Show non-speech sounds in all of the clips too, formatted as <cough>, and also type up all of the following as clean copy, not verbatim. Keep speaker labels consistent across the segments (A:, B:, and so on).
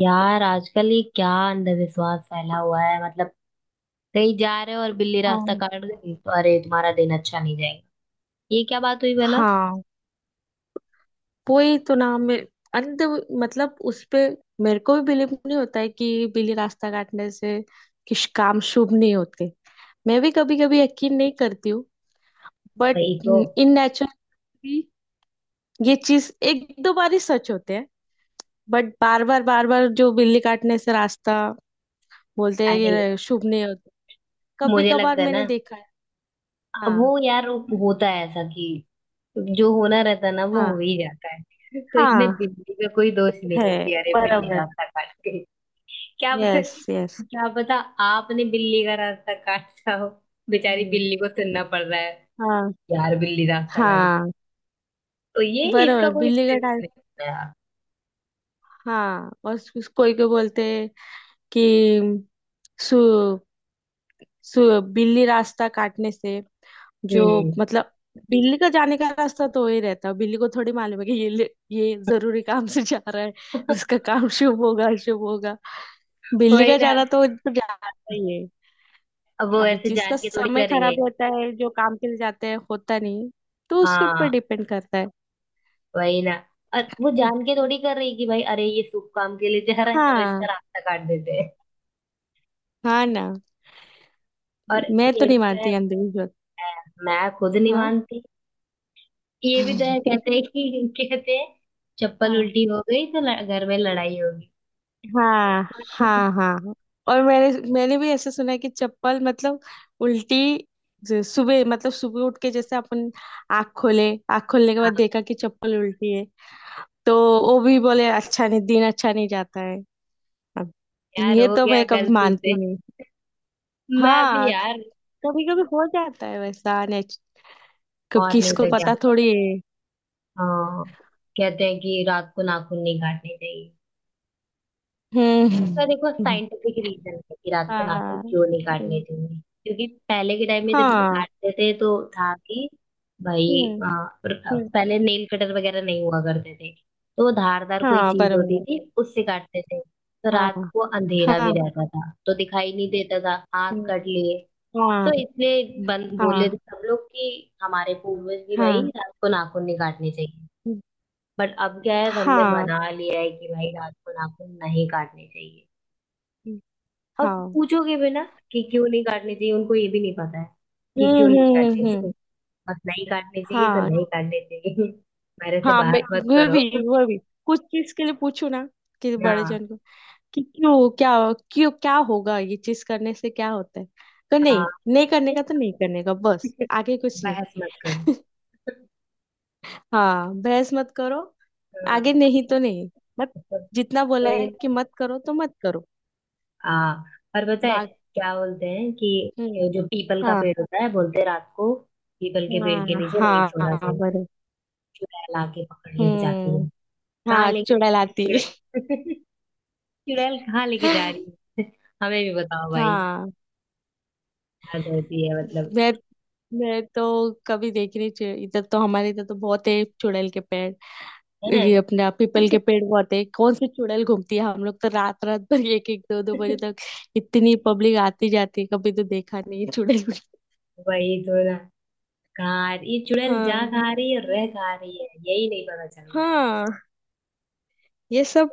A: यार आजकल ये क्या अंधविश्वास फैला हुआ है मतलब। कहीं जा रहे हो और बिल्ली रास्ता
B: हाँ।
A: काट गई तो अरे तुम्हारा दिन अच्छा नहीं जाएगा। ये क्या बात हुई भला।
B: हाँ, वही तो नाम में अंत, मतलब उस पे मेरे को भी बिलीव नहीं होता है कि बिल्ली रास्ता काटने से किस काम शुभ नहीं होते। मैं भी कभी कभी यकीन नहीं करती हूँ, बट
A: वही तो।
B: इन नेचर भी ये चीज एक दो बार ही सच होते हैं। बट बार बार बार बार जो बिल्ली काटने से रास्ता बोलते हैं,
A: अरे
B: ये शुभ नहीं होता। कभी
A: मुझे
B: कभार
A: लगता है
B: मैंने
A: ना,
B: देखा है।
A: वो
B: हाँ,
A: यार वो होता है ऐसा कि जो होना रहता है ना वो
B: हाँ,
A: हो ही जाता है। <laughs> तो इसमें
B: हाँ,
A: बिल्ली का कोई दोष नहीं
B: है,
A: है कि अरे बिल्ली
B: बराबर।
A: रास्ता काट गई। <laughs> क्या प-
B: यस, यस।
A: क्या पता, आपने बिल्ली का रास्ता काटा हो। बेचारी
B: हम्म।
A: बिल्ली को सुनना पड़ रहा है।
B: हाँ,
A: यार बिल्ली रास्ता काट गई
B: हाँ,
A: तो ये इसका
B: बरोबर,
A: कोई
B: बिल्ली का
A: सेंस
B: टाइप।
A: नहीं होता यार।
B: हाँ, और कोई को बोलते हैं कि सु, सु बिल्ली रास्ता काटने से जो,
A: हम्म।
B: मतलब बिल्ली का जाने का रास्ता तो वही रहता है, बिल्ली को थोड़ी मालूम है कि ये जरूरी काम से जा रहा है,
A: <laughs>
B: उसका काम <laughs> शुभ होगा, शुभ होगा। बिल्ली
A: वही
B: का
A: ना।
B: जाना तो जाता ही है।
A: अब वो
B: अभी
A: ऐसे जान
B: जिसका
A: के थोड़ी
B: समय
A: कर रही है।
B: खराब होता है, जो काम के लिए जाते हैं होता नहीं, तो उसके ऊपर
A: हाँ
B: डिपेंड करता है।
A: वही ना। और वो जान के थोड़ी कर रही है कि भाई अरे ये शुभ काम के लिए जा रहा है, चलो इसका
B: हाँ,
A: रास्ता काट देते हैं।
B: हाँ ना।
A: और
B: मैं तो
A: ये भी
B: नहीं
A: तो
B: मानती
A: है।
B: अंधविश्वास।
A: मैं खुद नहीं
B: हाँ।
A: मानती। ये भी तो है, कहते हैं कि <laughs> कहते हैं चप्पल
B: हाँ,
A: उल्टी हो गई तो घर में लड़ाई होगी।
B: हाँ, हाँ,
A: <laughs>
B: हाँ। और मैंने मैंने भी ऐसे सुना है कि चप्पल मतलब उल्टी, जो सुबह मतलब सुबह उठ के जैसे अपन आँख खोले, आँख खोलने के बाद
A: हाँ
B: देखा कि चप्पल उल्टी है, तो वो भी बोले अच्छा नहीं, दिन अच्छा नहीं जाता है। अब
A: यार
B: ये
A: हो
B: तो
A: गया
B: मैं कभी
A: गलती से।
B: मानती नहीं।
A: मैं भी
B: हाँ।
A: यार।
B: कभी कभी हो जाता है वैसा कब
A: और नहीं
B: किसको
A: तो क्या।
B: पता थोड़ी है।
A: हाँ, कहते हैं कि रात को नाखून नहीं काटने चाहिए,
B: हम्म,
A: तो देखो
B: हम्म।
A: साइंटिफिक रीजन है कि रात को नाखून
B: हाँ,
A: क्यों नहीं काटने चाहिए। क्योंकि पहले के टाइम में जब
B: हाँ,
A: काटते थे तो था कि भाई
B: हम्म,
A: आ, पर-
B: हम्म,
A: पहले नेल कटर वगैरह नहीं हुआ करते थे, तो वो धारदार कोई
B: हाँ,
A: चीज
B: बरोबर
A: होती
B: है।
A: थी उससे काटते थे, तो
B: हाँ,
A: रात को
B: हाँ,
A: अंधेरा भी
B: हाँ,
A: रहता था तो दिखाई नहीं देता था। आग कट लिए,
B: हाँ,
A: तो इसलिए बन
B: हाँ,
A: बोले सब लोग कि हमारे पूर्वज भी
B: हाँ,
A: भाई रात को नाखून नहीं काटने चाहिए। बट अब क्या है, हमने बना लिया है कि भाई रात को नाखून नहीं काटने चाहिए। और
B: हाँ।
A: पूछोगे भी ना कि क्यों नहीं काटने चाहिए, उनको ये भी नहीं पता है
B: हम्म,
A: कि क्यों
B: हम्म,
A: नहीं
B: हम्म,
A: काटने चाहिए। बस नहीं काटने चाहिए तो
B: हाँ,
A: नहीं काटने चाहिए। <laughs> मेरे से
B: हाँ। मैं,
A: बहस मत
B: वो
A: करो।
B: भी,
A: <laughs>
B: वो भी कुछ चीज के लिए पूछू ना कि बड़े
A: हाँ
B: जन को कि क्यों क्या, क्यों क्या होगा, ये चीज करने से क्या होता है, तो नहीं,
A: हाँ
B: नहीं करने का तो नहीं करने का, बस आगे कुछ नहीं।
A: बहस मत करो।
B: हाँ, बहस मत करो। आगे
A: हाँ।
B: नहीं तो नहीं, मत, जितना बोला है
A: कोई-
B: कि मत करो तो मत करो।
A: हाँ, और पता है
B: बाकी
A: क्या बोलते हैं कि
B: हम्म।
A: ये जो पीपल का
B: हाँ,
A: पेड़ होता है, बोलते हैं रात को पीपल के पेड़ के
B: हाँ,
A: नीचे नहीं सोना
B: हाँ,
A: चाहिए,
B: बरोबर।
A: चुड़ैल आके पकड़ ले जाती
B: हम्म।
A: है। कहाँ
B: हाँ,
A: लेके जा
B: चुड़ैलाती।
A: रही है चुड़ैल। <laughs> चुड़ैल कहाँ लेके जा रही है। <laughs> हमें भी बताओ भाई।
B: हाँ,
A: हद होती है मतलब।
B: मैं मैं तो कभी देखी नहीं, इधर तो, हमारे इधर तो बहुत है चुड़ैल के पेड़,
A: है ना?
B: ये अपना पीपल के पेड़ बहुत है, कौन सी चुड़ैल घूमती है, हम लोग तो रात रात भर एक एक दो दो बजे तक,
A: <laughs>
B: इतनी पब्लिक आती जाती है, कभी तो देखा नहीं है चुड़ैल को।
A: वही तो ना। कहाँ ये चुड़ैल जा
B: हाँ,
A: कहाँ रही है और रह कहाँ रही है, यही नहीं पता चल रहा है।
B: हाँ, ये सब,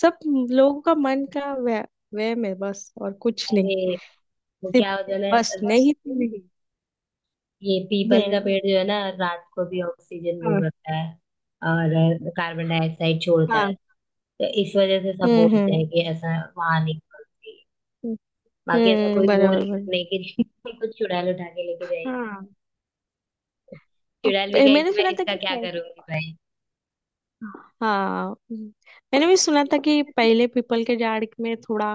B: सब लोगों का मन का वह, वहम है, बस और कुछ नहीं।
A: अरे वो
B: सिर्फ
A: क्या होता है
B: बस,
A: ना बस,
B: नहीं तो नहीं।
A: ये पीपल का
B: हम्म।
A: पेड़ जो है ना, रात को भी ऑक्सीजन वो
B: हाँ।
A: करता है और कार्बन डाइऑक्साइड छोड़ता है,
B: हाँ।
A: तो इस वजह से सब
B: हम्म,
A: बोलते
B: हम्म,
A: हैं कि ऐसा वहां नहीं करती। बाकी ऐसा
B: हम्म,
A: कोई वो
B: बराबर, बराबर।
A: रीजन नहीं कि <laughs> कुछ चुड़ैल उठा के लेके जाएगी।
B: हाँ। और
A: चुड़ैल भी
B: मैंने
A: कहेगी मैं
B: सुना था
A: इसका
B: कि
A: क्या करूंगी
B: हाँ, मैंने भी सुना था कि
A: भाई।
B: पहले पीपल के झाड़ में थोड़ा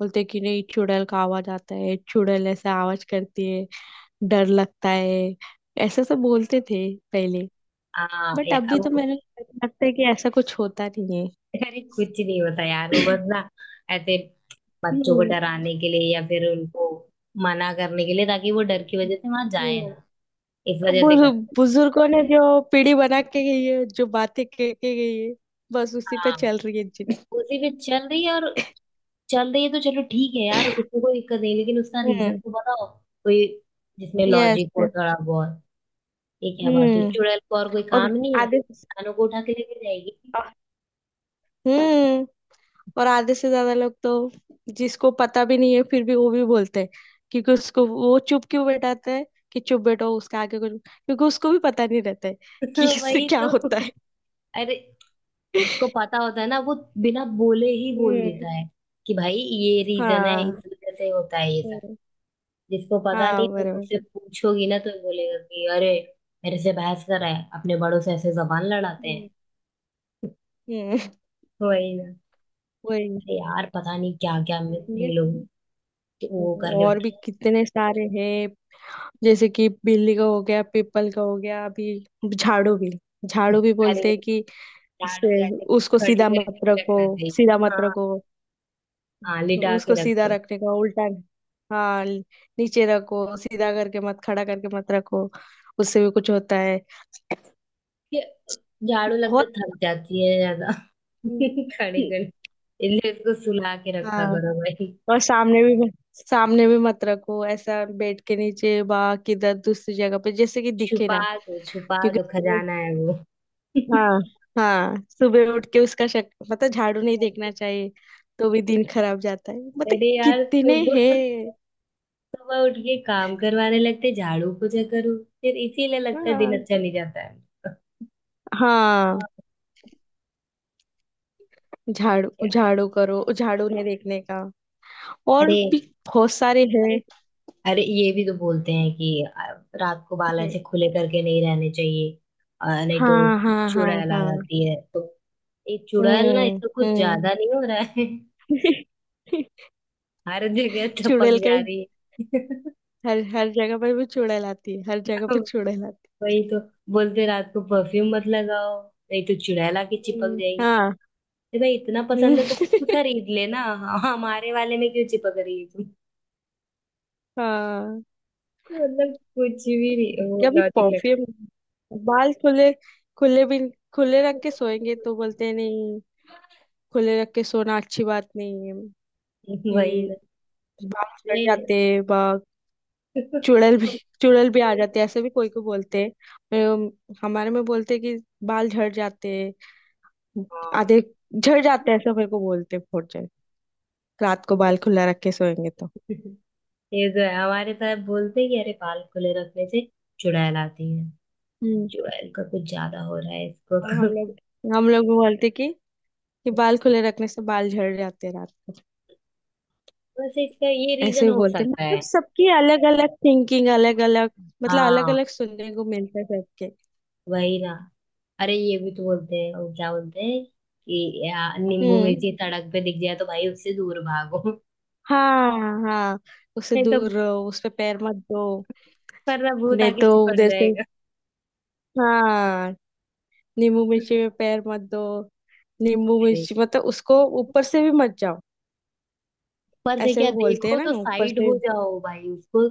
B: बोलते कि नहीं, चुड़ैल का आवाज आता है, चुड़ैल ऐसा आवाज करती है, डर लगता है, ऐसा सब बोलते थे पहले।
A: हाँ
B: बट
A: यार
B: अभी तो
A: वो-
B: मैंने लगता है कि ऐसा कुछ होता नहीं है।
A: अरे कुछ नहीं होता यार, वो बस ना
B: <clears throat>
A: ऐसे बच्चों को
B: हम्म,
A: डराने के लिए या फिर उनको मना करने के लिए, ताकि वो डर की वजह से वहां जाए
B: हम्म।
A: ना, इस वजह से करते हैं।
B: बुजुर्गों ने जो पीढ़ी बना के गई है, जो बातें कह के गई है, बस उसी पे
A: हाँ
B: चल रही है, जिन।
A: उसी पे चल रही है, और चल रही है तो चलो ठीक है यार, उसमें कोई दिक्कत नहीं, लेकिन उसका रीजन
B: हम्म।
A: तो बताओ, कोई जिसमें
B: यस।
A: लॉजिक हो थोड़ा बहुत। ये क्या बात हुई,
B: हम्म।
A: चुड़ैल को और कोई
B: और
A: काम नहीं है,
B: आधे,
A: इंसानों को उठा के लेके जाएगी।
B: अ- हम्म, और आधे से ज्यादा लोग तो, जिसको पता भी नहीं है फिर भी वो भी बोलते हैं, क्योंकि उसको वो चुप क्यों बैठाते हैं कि चुप बैठो, उसके आगे कुछ, क्योंकि उसको भी पता नहीं रहता है कि
A: <laughs>
B: इससे
A: वही
B: क्या
A: तो।
B: होता है।
A: अरे जिसको पता होता है ना वो बिना बोले ही बोल
B: हम्म।
A: देता है कि भाई ये रीजन है, इस
B: हाँ।
A: वजह से होता है ये सब।
B: हम्म।
A: जिसको पता
B: हाँ,
A: नहीं तो
B: बराबर।
A: मुझसे पूछोगी ना तो बोलेगा कि अरे मेरे से बहस कर रहा है, अपने बड़ों से ऐसे जबान लड़ाते हैं।
B: हम्म, हम्म।
A: वही ना।
B: वही।
A: अरे यार पता नहीं क्या क्या ये
B: ये
A: लोग तो वो करके
B: और भी
A: रखे
B: कितने सारे हैं, जैसे कि बिल्ली का हो गया, पीपल का हो गया, अभी झाड़ू भी,
A: हैं।
B: झाड़ू
A: <laughs>
B: भी बोलते
A: अरे
B: हैं कि
A: झाड़ू
B: से,
A: ऐसे
B: उसको
A: खड़े
B: सीधा
A: करके
B: मत
A: नहीं
B: रखो,
A: रखना चाहिए
B: सीधा मत
A: हाँ।
B: रखो,
A: हाँ लिटा के
B: उसको सीधा
A: रखो।
B: रखने का उल्टा। हाँ, नीचे रखो, सीधा करके मत, खड़ा करके मत रखो, उससे भी कुछ होता है।
A: झाड़ू लगता
B: बहुत।
A: है थक जाती है ज्यादा। <laughs> खड़े खड़े, इसलिए उसको सुला के रखा
B: हाँ,
A: करो भाई।
B: और सामने भी, सामने भी मत रखो, ऐसा बेड के नीचे बा, किधर दूसरी जगह पे, जैसे कि दिखे
A: छुपा
B: ना,
A: दो छुपा
B: क्योंकि
A: दो, खजाना है वो। <laughs>
B: हाँ, हाँ, सुबह उठ के उसका शक, मतलब झाड़ू नहीं देखना चाहिए तो भी दिन खराब जाता है, मतलब
A: अरे यार
B: कितने
A: सुबह
B: हैं।
A: सुबह उठ के काम करवाने लगते, झाड़ू पोछा करो, फिर इसीलिए लगता है दिन
B: हाँ,
A: अच्छा नहीं जाता है।
B: हाँ,
A: हाँ।
B: झाड़ू
A: <laughs>
B: झाड़ू करो, झाड़ू उन्हें देखने का, और
A: अरे
B: भी बहुत सारे
A: अरे
B: हैं।
A: अरे ये भी तो बोलते हैं कि रात को बाल ऐसे खुले करके नहीं रहने चाहिए, नहीं तो
B: हाँ, हाँ, हाँ,
A: चुड़ैल आ
B: हाँ।
A: जाती है तो। ये चुड़ैल ना
B: हम्म,
A: इसको कुछ
B: हम्म।
A: ज्यादा नहीं हो रहा है। <laughs>
B: <laughs>
A: हर जगह टपक
B: चुड़ैल का
A: जा रही है। <laughs>
B: हर, हर जगह पर भी चुड़ैल आती है, हर जगह पर चुड़ैल आती
A: वही तो। बोलते हैं, रात को परफ्यूम मत लगाओ, नहीं तो चुड़ैल आके
B: है।
A: चिपक जाएगी।
B: हाँ,
A: अरे भाई इतना पसंद है तो खुद
B: हम्म।
A: खरीद लेना हाँ, हमारे वाले में क्यों चिपक रही है तुम।
B: <laughs> हाँ,
A: <laughs> मतलब कुछ भी नहीं वो
B: कभी
A: लॉजिक लगा।
B: परफ्यूम, बाल खुले, खुले भी, खुले रख के सोएंगे तो बोलते हैं नहीं, खुले रख के सोना अच्छी बात नहीं है
A: <laughs>
B: कि
A: वही
B: बाल झड़
A: ना।
B: जाते हैं, बा चुड़ैल भी,
A: हाँ,
B: चुड़ैल भी आ जाते हैं, ऐसे भी कोई को बोलते हैं, हमारे में बोलते हैं कि बाल झड़ जाते हैं, आधे झड़ जाते हैं, ऐसा मेरे को बोलते हैं, फोड़ जाए, रात को बाल खुला रख के सोएंगे तो।
A: ये जो है हमारे साहब बोलते हैं कि अरे बाल खुले रखने से चुड़ैल आती है।
B: हम्म।
A: चुड़ैल का कुछ ज्यादा हो रहा है
B: और हम
A: इसको।
B: लोग, हम लोग भी बोलते हैं कि बाल खुले रखने से बाल झड़ जाते हैं रात,
A: वैसे इसका ये
B: ऐसे
A: रीजन
B: भी
A: हो
B: बोलते हैं,
A: सकता है।
B: मतलब सबकी अलग अलग थिंकिंग, अलग अलग मतलब अलग
A: हाँ
B: अलग सुनने को मिलता है सबके।
A: वही ना। अरे ये भी तो बोलते हैं, वो क्या बोलते हैं कि नींबू
B: हम्म।
A: मिर्ची सड़क पे दिख जाए तो भाई उससे दूर भागो,
B: हाँ, हाँ, उससे
A: नहीं तो
B: दूर रहो, उस पे पैर मत दो।
A: वरना भूत
B: नहीं
A: आके
B: तो
A: चिपट
B: उधर से,
A: जाएगा।
B: हाँ, नींबू मिर्ची में पैर मत दो, नींबू
A: अरे
B: मिर्ची मतलब उसको ऊपर से भी मत जाओ,
A: ऊपर से
B: ऐसे
A: क्या,
B: भी बोलते हैं
A: देखो तो
B: ना, ऊपर
A: साइड
B: से।
A: हो जाओ भाई उसको,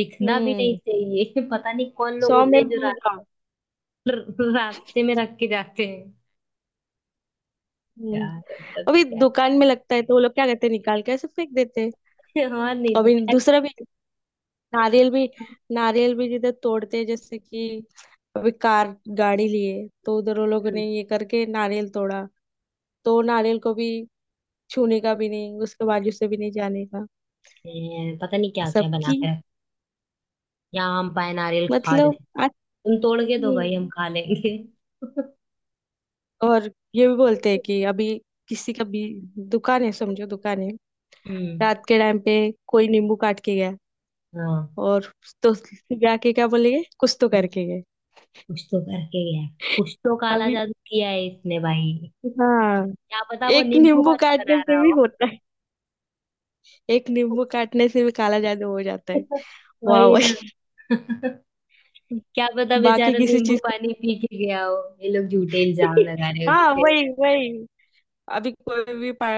A: दिखना भी नहीं
B: हम्म,
A: चाहिए। <laughs> पता नहीं कौन लोग
B: सौ
A: होते
B: मील
A: हैं जो
B: दूर जाओ।
A: रास्ते में रख के जाते हैं।
B: हम्म,
A: यार मतलब
B: अभी
A: क्या
B: दुकान में लगता है तो वो लोग क्या करते हैं, निकाल के ऐसे फेंक देते हैं।
A: है। <laughs> हाँ नहीं
B: अभी
A: तो।
B: दूसरा भी, नारियल भी, नारियल भी जिधर तोड़ते हैं, जैसे कि अभी कार गाड़ी लिए तो उधर वो लोगों ने ये करके नारियल तोड़ा, तो नारियल को भी छूने का भी नहीं, उसके बाजू से भी नहीं जाने का,
A: पता नहीं क्या क्या बना
B: सबकी
A: के रख, या आम पाए नारियल खा जाए,
B: मतलब
A: तुम तोड़ के दो
B: अच्छी
A: भाई
B: है।
A: हम खा लेंगे। <laughs>
B: और ये भी बोलते हैं कि अभी, किसी का भी दुकान है, समझो दुकान है,
A: हम्म
B: रात के टाइम पे कोई नींबू काट के गया
A: हाँ,
B: और, तो जाके क्या बोलेंगे, कुछ तो
A: कुछ
B: करके गए।
A: तो करके गया है। कुछ तो काला
B: अभी,
A: जादू किया है इसने भाई।
B: हाँ,
A: क्या पता वो
B: एक
A: नींबू
B: नींबू
A: पानी
B: काटने
A: बना रहा
B: से भी
A: हो।
B: होता है, एक नींबू काटने से भी काला जादू हो जाता है।
A: <laughs>
B: वाह,
A: वही ना।
B: वही।
A: क्या पता
B: बाकी
A: बेचारा
B: किसी
A: नींबू पानी पी के गया हो। ये लोग झूठे इल्जाम लगा
B: <laughs>
A: रहे
B: हाँ,
A: होते हैं।
B: वही, वही। अभी कोई भी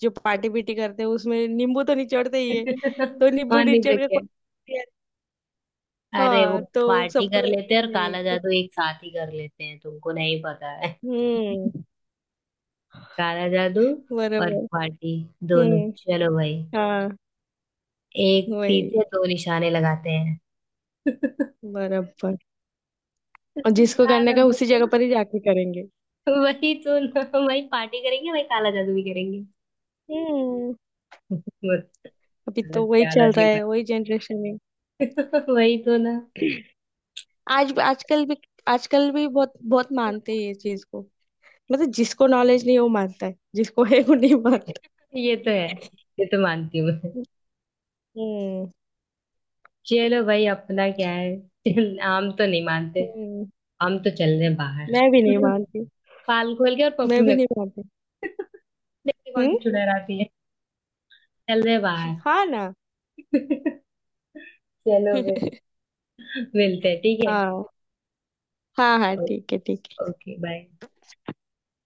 B: जो पार्टी पीटी करते हैं उसमें नींबू तो निचोड़ते ही है,
A: <laughs>
B: तो नींबू
A: और नहीं तो
B: निचोड़ के,
A: क्या। अरे वो
B: हाँ, तो
A: पार्टी
B: सबको
A: कर
B: लगता
A: लेते
B: है
A: हैं
B: कि
A: और
B: नहीं
A: काला
B: कुछ।
A: जादू एक साथ ही कर लेते हैं, तुमको नहीं पता है। <laughs>
B: हम्म,
A: काला जादू और
B: बराबर।
A: पार्टी दोनों,
B: हम्म।
A: चलो भाई
B: हाँ,
A: एक तीर
B: वही,
A: से दो निशाने लगाते हैं। <laughs>
B: बराबर। और जिसको
A: क्या
B: करने का उसी जगह
A: लॉजिक
B: पर ही जाके करेंगे।
A: है। वही तो ना। वही पार्टी करेंगे वही काला जादू भी करेंगे।
B: हम्म,
A: <laughs>
B: अभी तो
A: मतलब
B: वही
A: क्या
B: चल रहा
A: लॉजिक है।
B: है, वही जनरेशन है।
A: <laughs> वही तो ना।
B: आज आजकल भी, आजकल भी बहुत बहुत मानते हैं ये चीज को, मतलब जिसको नॉलेज नहीं है वो मानता है, जिसको है वो नहीं मानता।
A: ये तो है। ये तो मानती हूँ मैं।
B: हम्म,
A: चलो भाई अपना क्या है। <laughs> चल, हम तो नहीं मानते।
B: हम्म।
A: हम तो चल रहे हैं बाहर।
B: मैं भी नहीं
A: <laughs>
B: मानती।
A: बाल खोल के और
B: मैं
A: परफ्यूम
B: भी नहीं
A: लगा।
B: मानती।
A: <laughs> देखते कौन सी
B: हम्म।
A: चुड़ैल आती है। चल रहे हैं बाहर।
B: हाँ ना।
A: <laughs> चलो फिर
B: <laughs>
A: मिलते हैं ठीक है।
B: हाँ, हाँ, हाँ,
A: ओ-
B: ठीक है, ठीक।
A: Okay bye.